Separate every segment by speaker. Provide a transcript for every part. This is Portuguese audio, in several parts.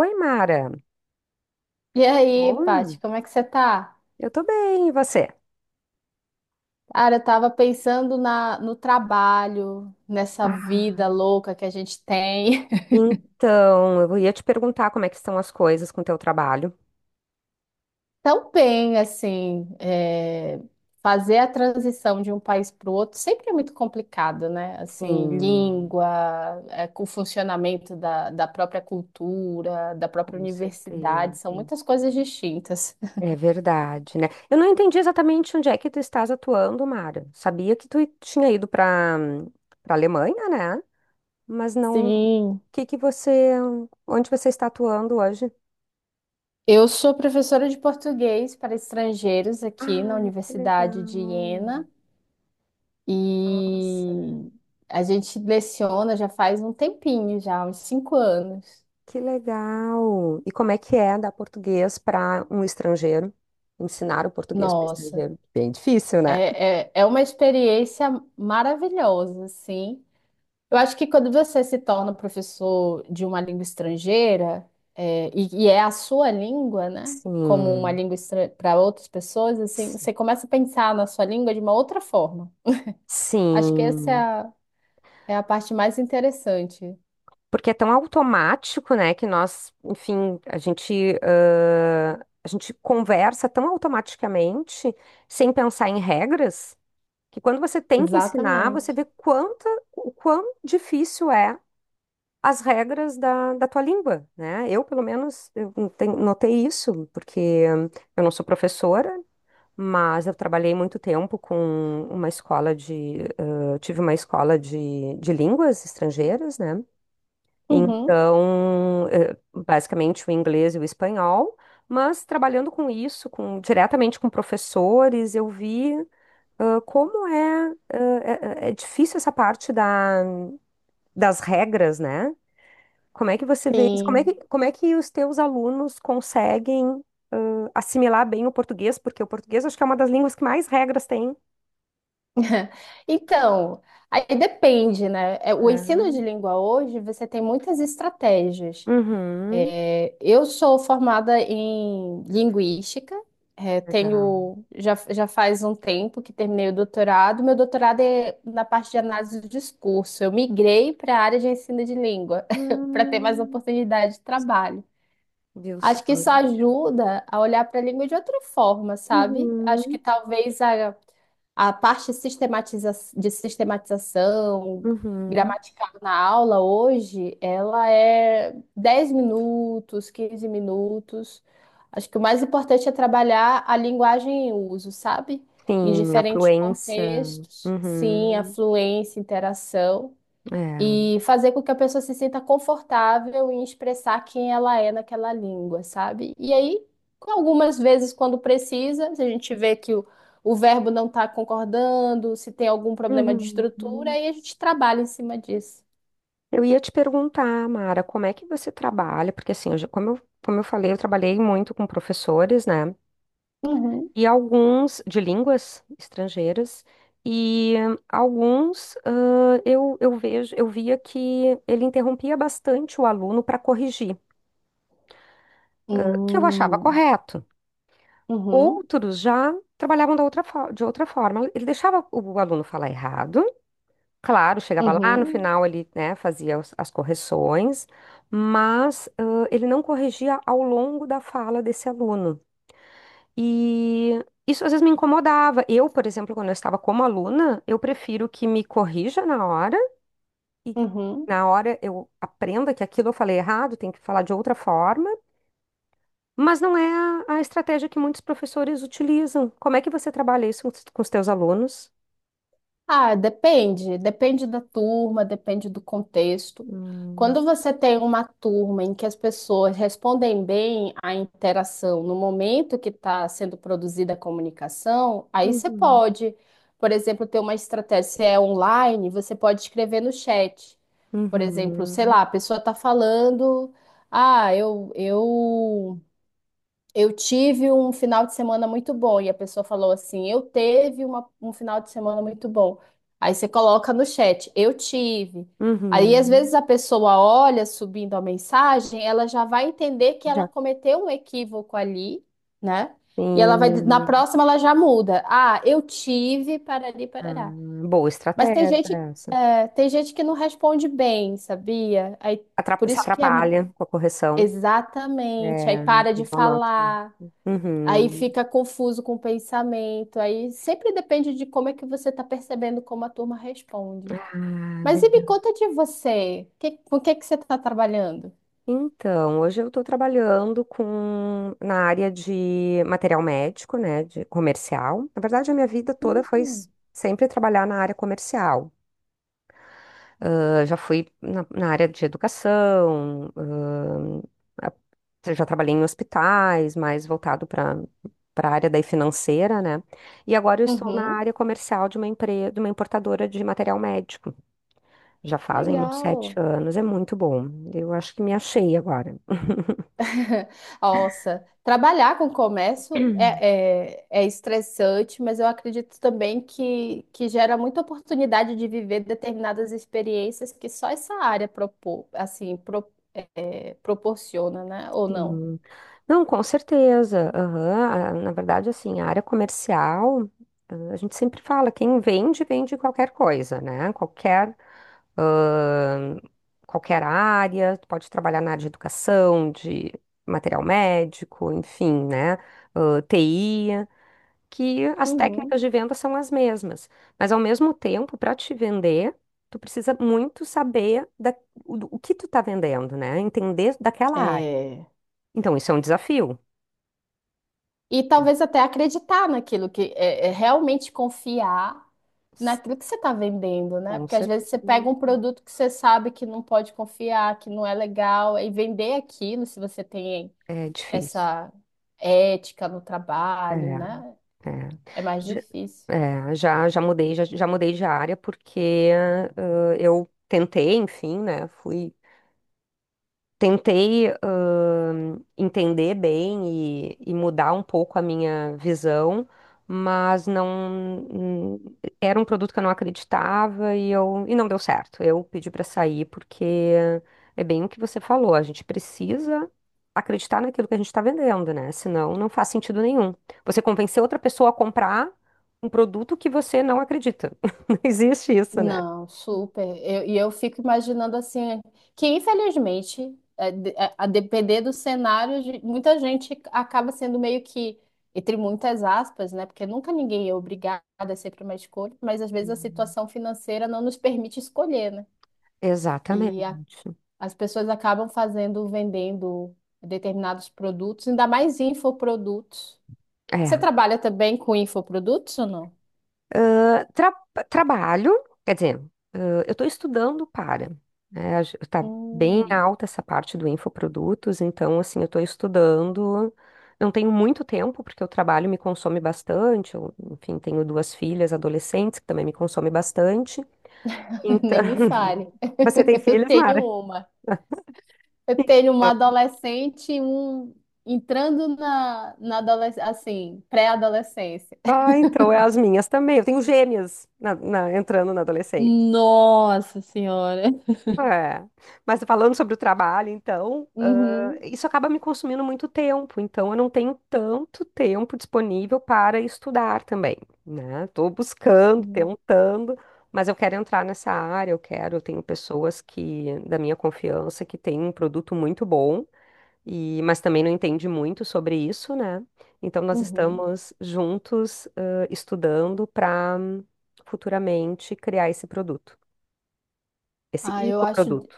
Speaker 1: Oi, Mara.
Speaker 2: E aí,
Speaker 1: Bom,
Speaker 2: Paty, como é que você tá?
Speaker 1: eu tô bem, e você?
Speaker 2: Cara, eu tava pensando no trabalho, nessa vida
Speaker 1: Ah,
Speaker 2: louca que a gente tem.
Speaker 1: então, eu ia te perguntar como é que estão as coisas com o teu trabalho.
Speaker 2: Tão bem, assim, fazer a transição de um país para o outro sempre é muito complicado, né? Assim,
Speaker 1: Sim,
Speaker 2: língua, com o funcionamento da própria cultura, da própria
Speaker 1: com
Speaker 2: universidade,
Speaker 1: certeza.
Speaker 2: são muitas coisas distintas.
Speaker 1: É verdade, né? Eu não entendi exatamente onde é que tu estás atuando, Mara. Sabia que tu tinha ido para para Alemanha, né? Mas não, o
Speaker 2: Sim,
Speaker 1: que você, onde você está atuando hoje?
Speaker 2: eu sou professora de português para estrangeiros aqui na
Speaker 1: Ai, que
Speaker 2: Universidade de
Speaker 1: legal.
Speaker 2: Iena.
Speaker 1: Nossa.
Speaker 2: E a gente leciona já faz um tempinho, já, uns 5 anos.
Speaker 1: Que legal! E como é que é dar português para um estrangeiro? Ensinar o português para
Speaker 2: Nossa,
Speaker 1: estrangeiro? Bem difícil, né?
Speaker 2: é uma experiência maravilhosa, assim. Eu acho que quando você se torna professor de uma língua estrangeira, e é a sua língua, né? Como uma
Speaker 1: Sim,
Speaker 2: língua para outras pessoas, assim,
Speaker 1: s-
Speaker 2: você começa a pensar na sua língua de uma outra forma. Acho que essa
Speaker 1: sim.
Speaker 2: é a parte mais interessante.
Speaker 1: Porque é tão automático, né, que nós, enfim, a gente conversa tão automaticamente, sem pensar em regras, que quando você tem que ensinar, você
Speaker 2: Exatamente.
Speaker 1: vê o quão difícil é as regras da tua língua, né? Eu, pelo menos, eu notei isso, porque eu não sou professora, mas eu trabalhei muito tempo com uma escola de... eh, tive uma escola de línguas estrangeiras, né?
Speaker 2: Uhum.
Speaker 1: Então, basicamente, o inglês e o espanhol, mas trabalhando com isso, diretamente com professores, como é, é difícil essa parte das regras, né? Como é que você vê isso?
Speaker 2: Sim.
Speaker 1: Como é que os teus alunos conseguem assimilar bem o português? Porque o português acho que é uma das línguas que mais regras tem.
Speaker 2: Então, aí depende, né? O ensino de
Speaker 1: Ah.
Speaker 2: língua hoje, você tem muitas estratégias.
Speaker 1: Uhum.
Speaker 2: É, eu sou formada em linguística,
Speaker 1: Legal.
Speaker 2: tenho, já faz um tempo que terminei o doutorado. Meu doutorado é na parte de análise do discurso. Eu migrei para a área de ensino de língua, para ter mais
Speaker 1: Hum,
Speaker 2: oportunidade de trabalho.
Speaker 1: viu só?
Speaker 2: Acho que isso ajuda a olhar para a língua de outra forma, sabe? Acho que
Speaker 1: Uhum.
Speaker 2: talvez a parte sistematização
Speaker 1: Uhum.
Speaker 2: gramatical na aula hoje, ela é 10 minutos, 15 minutos. Acho que o mais importante é trabalhar a linguagem em uso, sabe? Em
Speaker 1: Sim, a
Speaker 2: diferentes
Speaker 1: fluência.
Speaker 2: contextos. Sim, a
Speaker 1: Uhum.
Speaker 2: fluência, interação
Speaker 1: É.
Speaker 2: e fazer com que a pessoa se sinta confortável em expressar quem ela é naquela língua, sabe? E aí, algumas vezes, quando precisa, se a gente vê que o verbo não está concordando, se tem algum problema de estrutura,
Speaker 1: Uhum.
Speaker 2: aí a gente trabalha em cima disso.
Speaker 1: Eu ia te perguntar, Mara, como é que você trabalha? Porque assim, como como eu falei, eu trabalhei muito com professores, né?
Speaker 2: Uhum.
Speaker 1: E alguns de línguas estrangeiras e alguns eu via que ele interrompia bastante o aluno para corrigir, que eu achava
Speaker 2: Hum.
Speaker 1: correto.
Speaker 2: Uhum.
Speaker 1: Outros já trabalhavam da de outra forma. Ele deixava o aluno falar errado, claro, chegava lá no
Speaker 2: Uhum.
Speaker 1: final ele, né, fazia as correções, mas ele não corrigia ao longo da fala desse aluno. E isso às vezes me incomodava. Eu, por exemplo, quando eu estava como aluna, eu prefiro que me corrija na hora e
Speaker 2: Uhum.
Speaker 1: na hora eu aprenda que aquilo eu falei errado, tem que falar de outra forma, mas não é a estratégia que muitos professores utilizam. Como é que você trabalha isso com os teus alunos?
Speaker 2: Ah, depende, depende da turma, depende do contexto.
Speaker 1: Hum,
Speaker 2: Quando você tem uma turma em que as pessoas respondem bem à interação no momento que está sendo produzida a comunicação, aí você
Speaker 1: uhum.
Speaker 2: pode, por exemplo, ter uma estratégia, se é online, você pode escrever no chat. Por exemplo, sei
Speaker 1: Uhum,
Speaker 2: lá, a pessoa está falando, ah, eu tive um final de semana muito bom e a pessoa falou assim: Eu teve um final de semana muito bom. Aí você coloca no chat: Eu tive. Aí às
Speaker 1: uhum.
Speaker 2: vezes a pessoa olha subindo a mensagem, ela já vai entender que ela
Speaker 1: Já
Speaker 2: cometeu um equívoco ali, né? E ela vai, na
Speaker 1: tem.
Speaker 2: próxima ela já muda. Ah, eu tive, parari,
Speaker 1: Ah,
Speaker 2: parará.
Speaker 1: boa
Speaker 2: Mas tem
Speaker 1: estratégia
Speaker 2: gente,
Speaker 1: essa.
Speaker 2: tem gente que não responde bem, sabia? Aí por
Speaker 1: Se
Speaker 2: isso que é
Speaker 1: atrapalha com a correção.
Speaker 2: exatamente, aí
Speaker 1: É,
Speaker 2: para de
Speaker 1: eles não notam.
Speaker 2: falar. Aí
Speaker 1: Uhum.
Speaker 2: fica confuso com o pensamento. Aí sempre depende de como é que você está percebendo como a turma responde.
Speaker 1: Ah,
Speaker 2: Mas e me
Speaker 1: verdade.
Speaker 2: conta de você. Com o que que você está trabalhando?
Speaker 1: Então, hoje eu estou trabalhando com na área de material médico, né, de comercial. Na verdade, a minha vida toda foi
Speaker 2: Hum,
Speaker 1: sempre trabalhar na área comercial. Ah, já fui na área de educação, ah, já trabalhei em hospitais, mais voltado para para a área daí financeira, né? E agora eu estou na
Speaker 2: Uhum,
Speaker 1: área comercial de uma empresa, de uma importadora de material médico. Já fazem uns sete
Speaker 2: legal.
Speaker 1: anos, é muito bom. Eu acho que me achei agora.
Speaker 2: Nossa, trabalhar com comércio é estressante, mas eu acredito também que gera muita oportunidade de viver determinadas experiências que só essa área é, proporciona, né? Ou não?
Speaker 1: Sim. Não, com certeza. Aham. Ah, na verdade, assim, a área comercial, a gente sempre fala, quem vende, vende qualquer coisa, né? Ah, qualquer área, tu pode trabalhar na área de educação, de material médico, enfim, né? Ah, TI. Que as técnicas
Speaker 2: Uhum.
Speaker 1: de venda são as mesmas. Mas ao mesmo tempo, para te vender, tu precisa muito saber o que tu está vendendo, né? Entender daquela área.
Speaker 2: É.
Speaker 1: Então, isso é um desafio.
Speaker 2: E talvez até acreditar naquilo é realmente confiar
Speaker 1: S-
Speaker 2: naquilo que você está vendendo, né?
Speaker 1: Com
Speaker 2: Porque às
Speaker 1: certeza.
Speaker 2: vezes você pega um produto que você sabe que não pode confiar, que não é legal, e vender aquilo, se você tem
Speaker 1: É difícil.
Speaker 2: essa ética no
Speaker 1: É,
Speaker 2: trabalho, né?
Speaker 1: é.
Speaker 2: É mais
Speaker 1: Já,
Speaker 2: difícil.
Speaker 1: já mudei, já mudei de área porque eu tentei, enfim, né? Fui Tentei, entender bem e mudar um pouco a minha visão, mas não era um produto que eu não acreditava e não deu certo. Eu pedi para sair porque é bem o que você falou, a gente precisa acreditar naquilo que a gente está vendendo, né? Senão não faz sentido nenhum. Você convencer outra pessoa a comprar um produto que você não acredita. Não existe isso, né?
Speaker 2: Não, super. E eu fico imaginando assim, que infelizmente, a depender do cenário, muita gente acaba sendo meio que, entre muitas aspas, né? Porque nunca ninguém é obrigado, é sempre uma escolha, mas às vezes a situação financeira não nos permite escolher, né? E a-
Speaker 1: Exatamente.
Speaker 2: As pessoas acabam fazendo, vendendo determinados produtos, ainda mais infoprodutos. Você
Speaker 1: É.
Speaker 2: trabalha também com infoprodutos ou não?
Speaker 1: Tra- Trabalho, quer dizer, eh, eu estou estudando para, né? Está bem
Speaker 2: Hum,
Speaker 1: alta essa parte do infoprodutos, então, assim, eu estou estudando. Não tenho muito tempo, porque o trabalho me consome bastante. Eu, enfim, tenho duas filhas adolescentes que também me consomem bastante. Então,
Speaker 2: nem me fale.
Speaker 1: você tem
Speaker 2: Eu
Speaker 1: filhas,
Speaker 2: tenho
Speaker 1: Mara?
Speaker 2: uma. Eu tenho uma adolescente, e um entrando na adolescência, assim, pré-adolescência.
Speaker 1: Ah, então é as minhas também. Eu tenho gêmeas entrando na adolescência.
Speaker 2: Nossa senhora.
Speaker 1: É. Mas falando sobre o trabalho, então,
Speaker 2: Uhum.
Speaker 1: isso acaba me consumindo muito tempo, então eu não tenho tanto tempo disponível para estudar também, né? Estou buscando,
Speaker 2: Uhum.
Speaker 1: tentando, mas eu quero entrar nessa área, eu tenho pessoas que, da minha confiança, que têm um produto muito bom, mas também não entende muito sobre isso, né? Então nós
Speaker 2: Uhum.
Speaker 1: estamos juntos, estudando para futuramente criar esse produto, esse
Speaker 2: Ah, eu acho,
Speaker 1: infoproduto.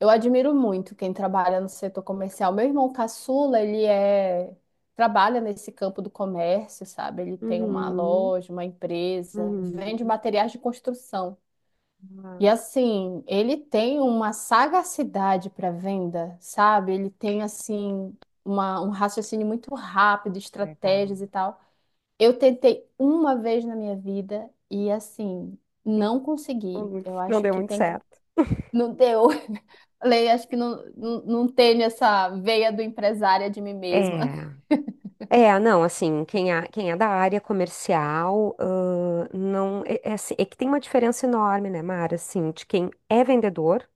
Speaker 2: eu admiro muito quem trabalha no setor comercial. Meu irmão caçula, trabalha nesse campo do comércio, sabe? Ele tem uma
Speaker 1: Uhum,
Speaker 2: loja, uma empresa, vende
Speaker 1: uhum.
Speaker 2: materiais de construção. E
Speaker 1: Ah,
Speaker 2: assim, ele tem uma sagacidade para venda, sabe? Ele tem assim um raciocínio muito rápido,
Speaker 1: legal.
Speaker 2: estratégias e tal. Eu tentei uma vez na minha vida e assim, não consegui. Eu
Speaker 1: Não
Speaker 2: acho
Speaker 1: deu
Speaker 2: que
Speaker 1: muito
Speaker 2: tem que
Speaker 1: certo.
Speaker 2: não deu. Falei, acho que não tenho essa veia do empresária de mim mesma.
Speaker 1: É, É, não, assim, quem é da área comercial, não, é, é assim, é que tem uma diferença enorme, né, Mara, assim, de quem é vendedor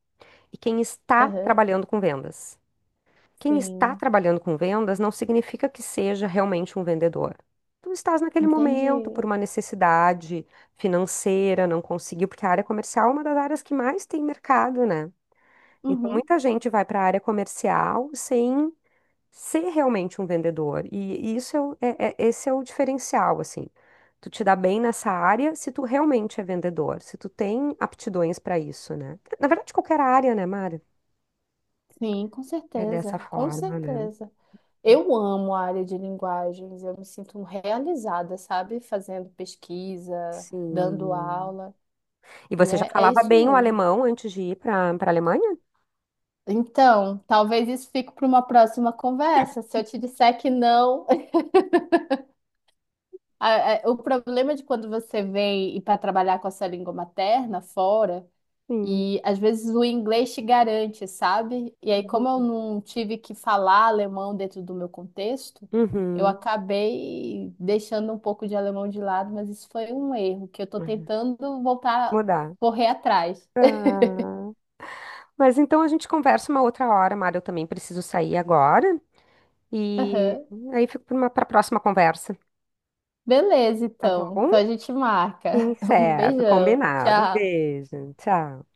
Speaker 1: e quem está
Speaker 2: Aham,
Speaker 1: trabalhando com vendas. Quem está
Speaker 2: sim,
Speaker 1: trabalhando com vendas não significa que seja realmente um vendedor. Tu estás naquele momento
Speaker 2: entendi.
Speaker 1: por uma necessidade financeira, não conseguiu, porque a área comercial é uma das áreas que mais tem mercado, né? Então,
Speaker 2: Uhum,
Speaker 1: muita gente vai para a área comercial sem ser realmente um vendedor. E isso esse é o diferencial, assim. Tu te dá bem nessa área se tu realmente é vendedor, se tu tem aptidões para isso, né? Na verdade, qualquer área, né, Mara?
Speaker 2: sim, com
Speaker 1: É dessa
Speaker 2: certeza, com
Speaker 1: forma, né?
Speaker 2: certeza. Eu amo a área de linguagens, eu me sinto realizada, sabe? Fazendo pesquisa, dando
Speaker 1: Sim.
Speaker 2: aula,
Speaker 1: E
Speaker 2: e
Speaker 1: você já
Speaker 2: é
Speaker 1: falava
Speaker 2: isso
Speaker 1: bem o
Speaker 2: mesmo.
Speaker 1: alemão antes de ir para para a Alemanha?
Speaker 2: Então, talvez isso fique para uma próxima conversa. Se eu te disser que não, o problema de quando você vem e para trabalhar com a sua língua materna fora.
Speaker 1: Sim.
Speaker 2: E às vezes o inglês te garante, sabe? E aí, como eu
Speaker 1: Uhum.
Speaker 2: não tive que falar alemão dentro do meu contexto, eu
Speaker 1: Uhum.
Speaker 2: acabei deixando um pouco de alemão de lado, mas isso foi um erro que eu tô
Speaker 1: Uhum.
Speaker 2: tentando voltar,
Speaker 1: Mudar.
Speaker 2: correr atrás.
Speaker 1: Mas então a gente conversa uma outra hora, Mara. Eu também preciso sair agora. E
Speaker 2: Aham.
Speaker 1: aí fico para uma próxima conversa,
Speaker 2: Beleza,
Speaker 1: tá
Speaker 2: então.
Speaker 1: bom?
Speaker 2: Então a gente marca.
Speaker 1: Sim,
Speaker 2: Um
Speaker 1: certo,
Speaker 2: beijão.
Speaker 1: combinado. Um
Speaker 2: Tchau.
Speaker 1: beijo, tchau.